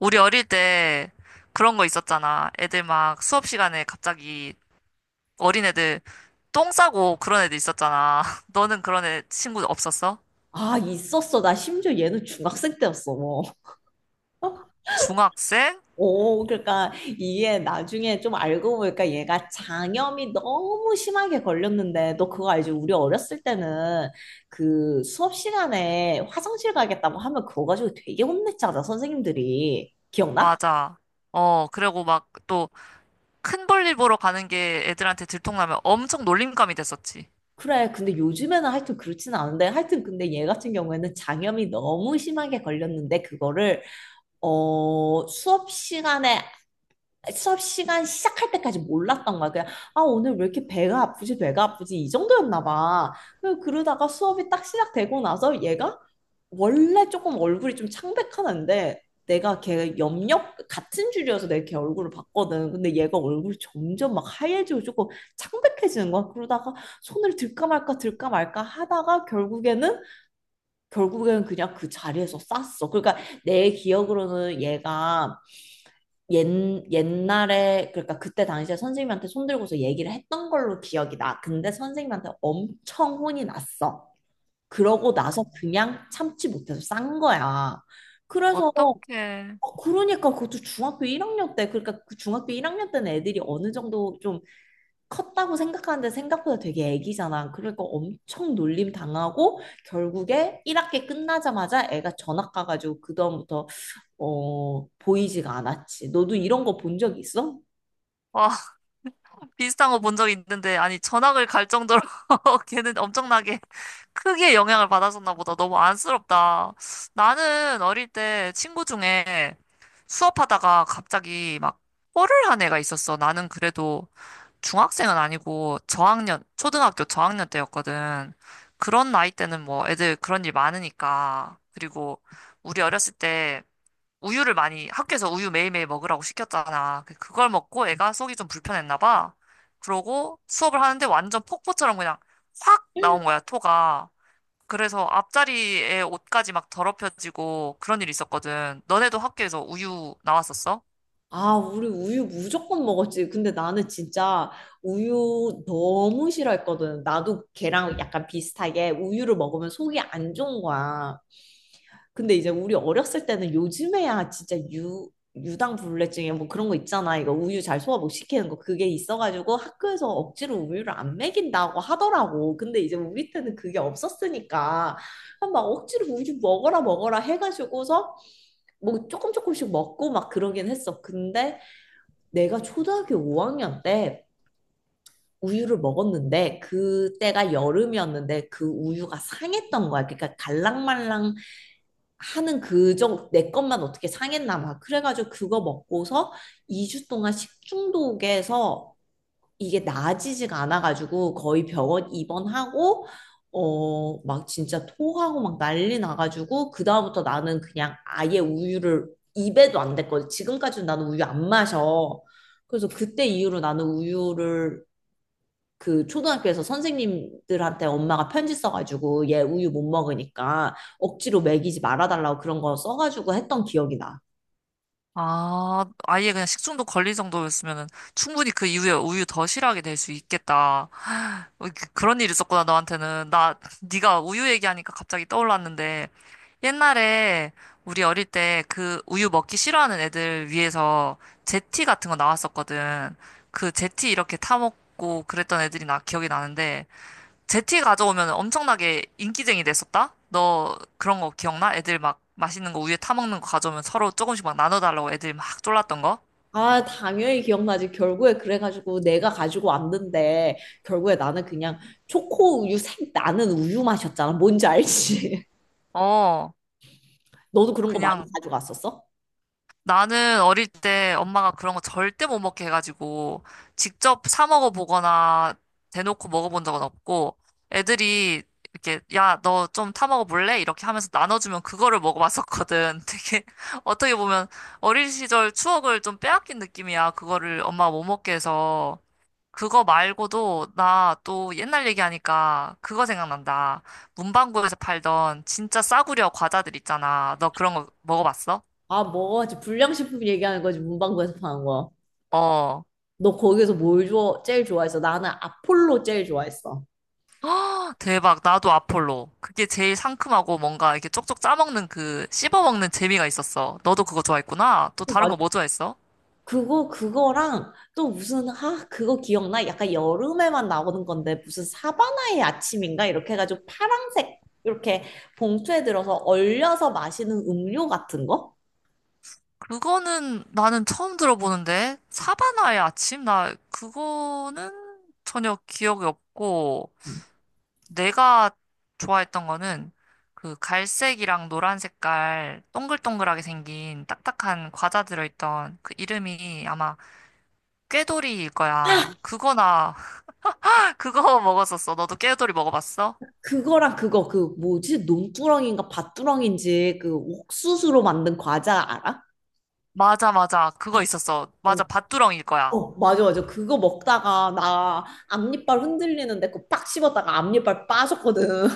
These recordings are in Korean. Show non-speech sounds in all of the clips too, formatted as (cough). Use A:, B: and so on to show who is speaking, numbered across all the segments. A: 우리 어릴 때 그런 거 있었잖아. 애들 막 수업 시간에 갑자기 어린애들 똥 싸고 그런 애들 있었잖아. (laughs) 너는 그런 애 친구 없었어?
B: 아, 있었어. 나 심지어 얘는 중학생 때였어. 뭐. (laughs)
A: 중학생?
B: 오, 그러니까 이게 나중에 좀 알고 보니까 얘가 장염이 너무 심하게 걸렸는데, 너 그거 알지? 우리 어렸을 때는 그 수업 시간에 화장실 가겠다고 하면 그거 가지고 되게 혼냈잖아, 선생님들이. 기억나?
A: 맞아. 어, 그리고 막 또 큰 볼일 보러 가는 게 애들한테 들통나면 엄청 놀림감이 됐었지.
B: 그래. 근데 요즘에는 하여튼 그렇진 않은데, 하여튼 근데 얘 같은 경우에는 장염이 너무 심하게 걸렸는데, 그거를 수업 시간에 수업 시간 시작할 때까지 몰랐던 거야. 그냥, 아, 오늘 왜 이렇게 배가 아프지, 배가 아프지, 이 정도였나 봐. 그래서 그러다가 수업이 딱 시작되고 나서 얘가 원래 조금 얼굴이 좀 창백하는데 내가 걔 염력 같은 줄이어서 내가 걔 얼굴을 봤거든. 근데 얘가 얼굴이 점점 막 하얘지고 조금 창백해지는 거야. 그러다가 손을 들까 말까 들까 말까 하다가 결국에는 그냥 그 자리에서 쌌어. 그러니까 내 기억으로는 얘가 옛, 옛날에 그러니까 그때 당시에 선생님한테 손들고서 얘기를 했던 걸로 기억이 나. 근데 선생님한테 엄청 혼이 났어. 그러고 나서
A: 아.
B: 그냥 참지 못해서 싼 거야. 그래서
A: 어떡해.
B: 그러니까 그것도 중학교 1학년 때 그러니까 그 중학교 1학년 때는 애들이 어느 정도 좀 컸다고 생각하는데 생각보다 되게 애기잖아. 그러니까 엄청 놀림 당하고 결국에 1학기 끝나자마자 애가 전학 가가지고 그다음부터 보이지가 않았지. 너도 이런 거 본 적 있어?
A: 와, 비슷한 거 본 적 있는데, 아니, 전학을 갈 정도로 (laughs) 걔는 엄청나게 크게 영향을 받았었나 보다. 너무 안쓰럽다. 나는 어릴 때 친구 중에 수업하다가 갑자기 막 뽀를 한 애가 있었어. 나는 그래도 중학생은 아니고 저학년, 초등학교 저학년 때였거든. 그런 나이 때는 뭐 애들 그런 일 많으니까. 그리고 우리 어렸을 때 우유를 많이 학교에서 우유 매일매일 먹으라고 시켰잖아. 그걸 먹고 애가 속이 좀 불편했나 봐. 그러고 수업을 하는데 완전 폭포처럼 그냥 확 나온 거야, 토가. 그래서 앞자리에 옷까지 막 더럽혀지고 그런 일이 있었거든. 너네도 학교에서 우유 나왔었어?
B: 아, 우리 우유 무조건 먹었지. 근데 나는 진짜 우유 너무 싫어했거든. 나도 걔랑 약간 비슷하게 우유를 먹으면 속이 안 좋은 거야. 근데 이제 우리 어렸을 때는 요즘에야 진짜 유 유당불내증에 뭐 그런 거 있잖아. 이거 우유 잘 소화 못 시키는 거 그게 있어가지고 학교에서 억지로 우유를 안 먹인다고 하더라고. 근데 이제 우리 때는 그게 없었으니까 막 억지로 우유 먹어라 먹어라 해가지고서 뭐 조금 조금씩 먹고 막 그러긴 했어. 근데 내가 초등학교 5학년 때 우유를 먹었는데 그때가 여름이었는데 그 우유가 상했던 거야. 그러니까 갈랑말랑 하는 그 정, 내 것만 어떻게 상했나 막. 그래가지고 그거 먹고서 2주 동안 식중독에서 이게 나아지지가 않아가지고 거의 병원 입원하고, 막 진짜 토하고 막 난리 나가지고, 그다음부터 나는 그냥 아예 우유를 입에도 안 댔거든. 지금까지는 나는 우유 안 마셔. 그래서 그때 이후로 나는 우유를 그 초등학교에서 선생님들한테 엄마가 편지 써가지고 얘 우유 못 먹으니까 억지로 먹이지 말아달라고 그런 거 써가지고 했던 기억이 나.
A: 아, 아예 그냥 식중독 걸릴 정도였으면은 충분히 그 이후에 우유 더 싫어하게 될 수 있겠다. 어, 그런 일이 있었구나, 너한테는. 나, 네가 우유 얘기하니까 갑자기 떠올랐는데, 옛날에 우리 어릴 때 그 우유 먹기 싫어하는 애들 위해서 제티 같은 거 나왔었거든. 그 제티 이렇게 타먹고 그랬던 애들이 나 기억이 나는데, 제티 가져오면 엄청나게 인기쟁이 됐었다? 너 그런 거 기억나? 애들 막 맛있는 거 우유에 타먹는 거 가져오면 서로 조금씩 막 나눠달라고 애들 막 졸랐던 거?
B: 아, 당연히 기억나지. 결국에 그래가지고 내가 가지고 왔는데 결국에 나는 그냥 초코 우유 색 나는 우유 맛이었잖아. 뭔지 알지?
A: 어,
B: (laughs) 너도 그런 거 많이
A: 그냥.
B: 가져갔었어?
A: 나는 어릴 때 엄마가 그런 거 절대 못 먹게 해가지고 직접 사 먹어보거나 대놓고 먹어본 적은 없고 애들이 이렇게 야, 너 좀 타 먹어볼래? 이렇게 하면서 나눠주면 그거를 먹어봤었거든. (laughs) 되게 어떻게 보면 어린 시절 추억을 좀 빼앗긴 느낌이야. 그거를 엄마가 못 먹게 해서. 그거 말고도 나 또 옛날 얘기하니까 그거 생각난다. 문방구에서 팔던 진짜 싸구려 과자들 있잖아. 너 그런 거 먹어봤어?
B: 아, 뭐지? 불량식품 얘기하는 거지. 문방구에서 파는 거.
A: 어.
B: 너 거기서 뭘 좋아, 제일 좋아했어? 나는 아폴로 제일 좋아했어.
A: 아, 대박. 나도 아폴로. 그게 제일 상큼하고 뭔가 이렇게 쪽쪽 짜먹는 그 씹어먹는 재미가 있었어. 너도 그거 좋아했구나. 또 다른 거 뭐 좋아했어?
B: 그거랑 또 무슨 아 그거 기억나? 약간 여름에만 나오는 건데 무슨 사바나의 아침인가 이렇게 해가지고 파란색 이렇게 봉투에 들어서 얼려서 마시는 음료 같은 거?
A: 그거는 나는 처음 들어보는데. 사바나의 아침? 나 그거는 전혀 기억이 없고.
B: 음.
A: 내가 좋아했던 거는 그 갈색이랑 노란 색깔 동글동글하게 생긴 딱딱한 과자 들어있던 그 이름이 아마 꾀돌이일 거야. 그거나 그거 먹었었어. 너도 깨우돌이 먹어봤어?
B: 그거랑 그거 그 뭐지 논두렁인가 밭두렁인지 그 옥수수로 만든 과자 알아?
A: 맞아, 맞아. 그거 있었어.
B: 어,
A: 맞아, 밭두렁일 거야.
B: 어 맞아 맞아 그거 먹다가 나 앞니빨 흔들리는데 그거 빡 씹었다가 앞니빨 빠졌거든.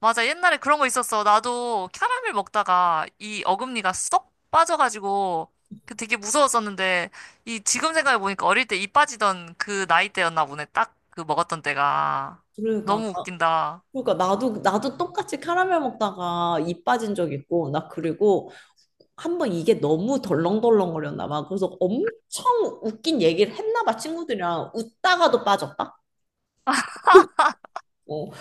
A: 맞아, 옛날에 그런 거 있었어. 나도 캐러멜 먹다가 이 어금니가 쏙 빠져가지고 그 되게 무서웠었는데 이 지금 생각해보니까 어릴 때 이 빠지던 그 나이 때였나 보네. 딱 그 먹었던 때가.
B: (laughs) 그러니까
A: 너무 웃긴다.
B: 그러니까 나도 나도 똑같이 카라멜 먹다가 입 빠진 적 있고 나 그리고 한 번 이게 너무 덜렁덜렁거렸나 봐. 그래서 엄청 웃긴 얘기를 했나 봐 친구들이랑 웃다가도 빠졌다. 어.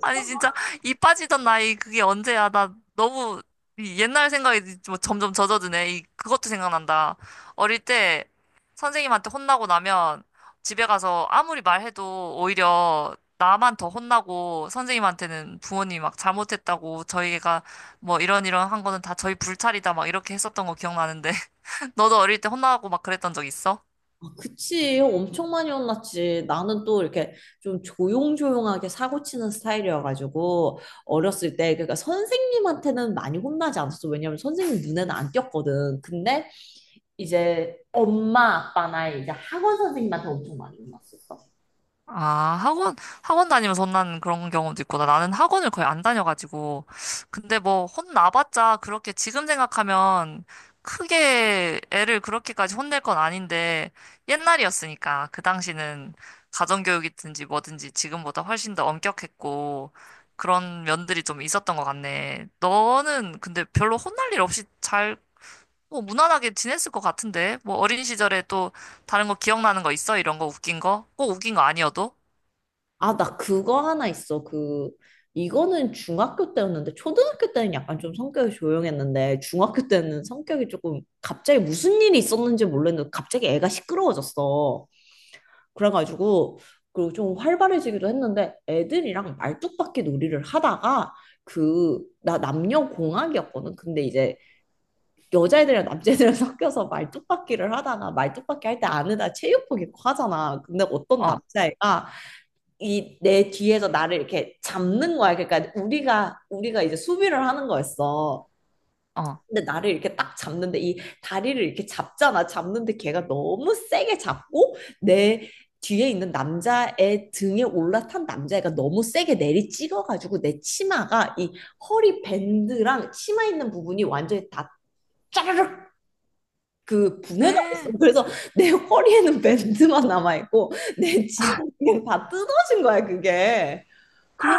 A: 아니 진짜 이 빠지던 나이 그게 언제야? 나 너무 이 옛날 생각이 뭐 점점 젖어드네. 이 그것도 생각난다. 어릴 때 선생님한테 혼나고 나면 집에 가서 아무리 말해도 오히려 나만 더 혼나고 선생님한테는 부모님이 막 잘못했다고 저희가 뭐 이런 한 거는 다 저희 불찰이다 막 이렇게 했었던 거 기억나는데 (laughs) 너도 어릴 때 혼나고 막 그랬던 적 있어?
B: 아, 그치 엄청 많이 혼났지. 나는 또 이렇게 좀 조용조용하게 사고 치는 스타일이어가지고 어렸을 때 그러니까 선생님한테는 많이 혼나지 않았어. 왜냐면 선생님 눈에는 안 띄었거든. 근데 이제 엄마 아빠나 이제 학원 선생님한테 엄청 많이 혼났었어.
A: 아, 학원, 학원 다니면서 혼나는 그런 경우도 있구나. 나는 학원을 거의 안 다녀가지고. 근데 뭐, 혼나봤자 그렇게 지금 생각하면 크게 애를 그렇게까지 혼낼 건 아닌데, 옛날이었으니까. 그 당시는 가정교육이든지 뭐든지 지금보다 훨씬 더 엄격했고, 그런 면들이 좀 있었던 것 같네. 너는 근데 별로 혼날 일 없이 잘, 뭐, 무난하게 지냈을 것 같은데? 뭐, 어린 시절에 또 다른 거 기억나는 거 있어? 이런 거 웃긴 거? 꼭 웃긴 거 아니어도?
B: 아, 나 그거 하나 있어. 그, 이거는 중학교 때였는데, 초등학교 때는 약간 좀 성격이 조용했는데, 중학교 때는 성격이 조금 갑자기 무슨 일이 있었는지 몰랐는데, 갑자기 애가 시끄러워졌어. 그래가지고, 그리고 좀 활발해지기도 했는데, 애들이랑 말뚝박기 놀이를 하다가, 그, 나 남녀공학이었거든. 근데 이제 여자애들이랑 남자애들이랑 (laughs) 섞여서 말뚝박기를 하다가, 말뚝박기 할 때 안에다 체육복 입고 하잖아. 근데 어떤
A: 어,
B: 남자애가, 이 내 뒤에서 나를 이렇게 잡는 거야. 그러니까 우리가 이제 수비를 하는 거였어.
A: 어.
B: 근데 나를 이렇게 딱 잡는데 이 다리를 이렇게 잡잖아. 잡는데 걔가 너무 세게 잡고 내 뒤에 있는 남자의 등에 올라탄 남자애가 너무 세게 내리 찍어가지고 내 치마가 이 허리 밴드랑 치마 있는 부분이 완전히 다 짜르륵 그 분해가 됐어.
A: 에
B: 그래서 내 허리에는 밴드만 남아있고 내 치마 그냥 다 뜯어진 거야 그게. 그래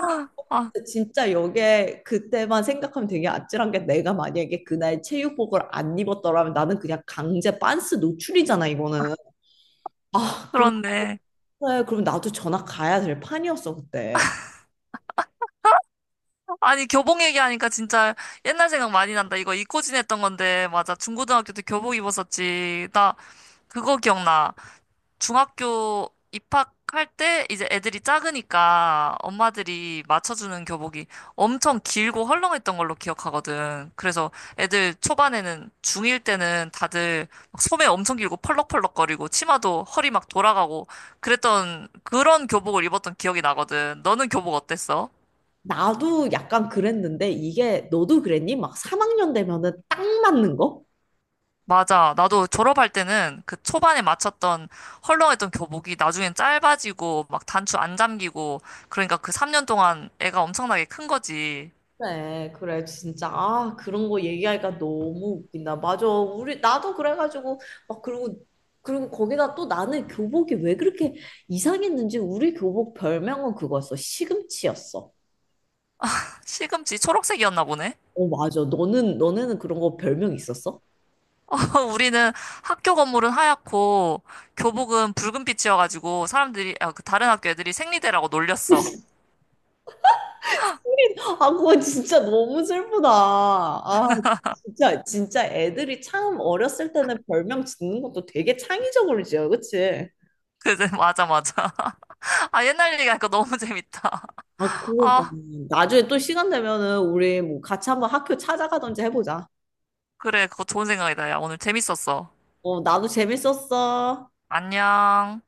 A: 아,
B: 진짜 기게 그때만 생각하면 되게 아찔한 게 내가 만약에 그날 체육복을 안 입었더라면 나는 그냥 강제 빤스 노출이잖아 이거는. 아 그럼
A: 그렇네.
B: 그래, 그럼 나도 전학 가야 될 판이었어 그때.
A: 아니, 교복 얘기하니까 진짜 옛날 생각 많이 난다. 이거 입고 지냈던 건데, 맞아. 중고등학교 때 교복 입었었지. 나 그거 기억나. 중학교 입학할 때 이제 애들이 작으니까 엄마들이 맞춰주는 교복이 엄청 길고 헐렁했던 걸로 기억하거든. 그래서 애들 초반에는 중일 때는 다들 막 소매 엄청 길고 펄럭펄럭거리고 치마도 허리 막 돌아가고 그랬던 그런 교복을 입었던 기억이 나거든. 너는 교복 어땠어?
B: 나도 약간 그랬는데 이게 너도 그랬니? 막 3학년 되면은 딱 맞는 거?
A: 맞아. 나도 졸업할 때는 그 초반에 맞췄던 헐렁했던 교복이 나중엔 짧아지고 막 단추 안 잠기고 그러니까 그 3년 동안 애가 엄청나게 큰 거지.
B: 네, 그래, 진짜. 아, 그런 거 얘기하니까 너무 웃긴다. 맞아. 우리, 나도 그래가지고, 막, 그리고, 거기다 또 나는 교복이 왜 그렇게 이상했는지 우리 교복 별명은 그거였어. 시금치였어.
A: 시금치 초록색이었나 보네.
B: 어, 맞아. 너는, 너네는 그런 거 별명 있었어?
A: (laughs) 우리는 학교 건물은 하얗고 교복은 붉은빛이어가지고 사람들이 아, 그 다른 학교 애들이 생리대라고 놀렸어.
B: (laughs) 아, 그거 진짜 너무 슬프다. 아, 진짜, 진짜 애들이 참 어렸을 때는 별명 짓는 것도 되게 창의적으로 지어, 그치?
A: 그래 (laughs) 맞아 맞아. (laughs) 아 옛날 얘기하니까 너무 (laughs) 재밌다.
B: 아, 그러니까.
A: 아
B: 나중에 또 시간 되면은 우리 뭐 같이 한번 학교 찾아가든지 해보자.
A: 그래 그거 좋은 생각이다. 야 오늘 재밌었어.
B: 어, 나도 재밌었어.
A: 안녕.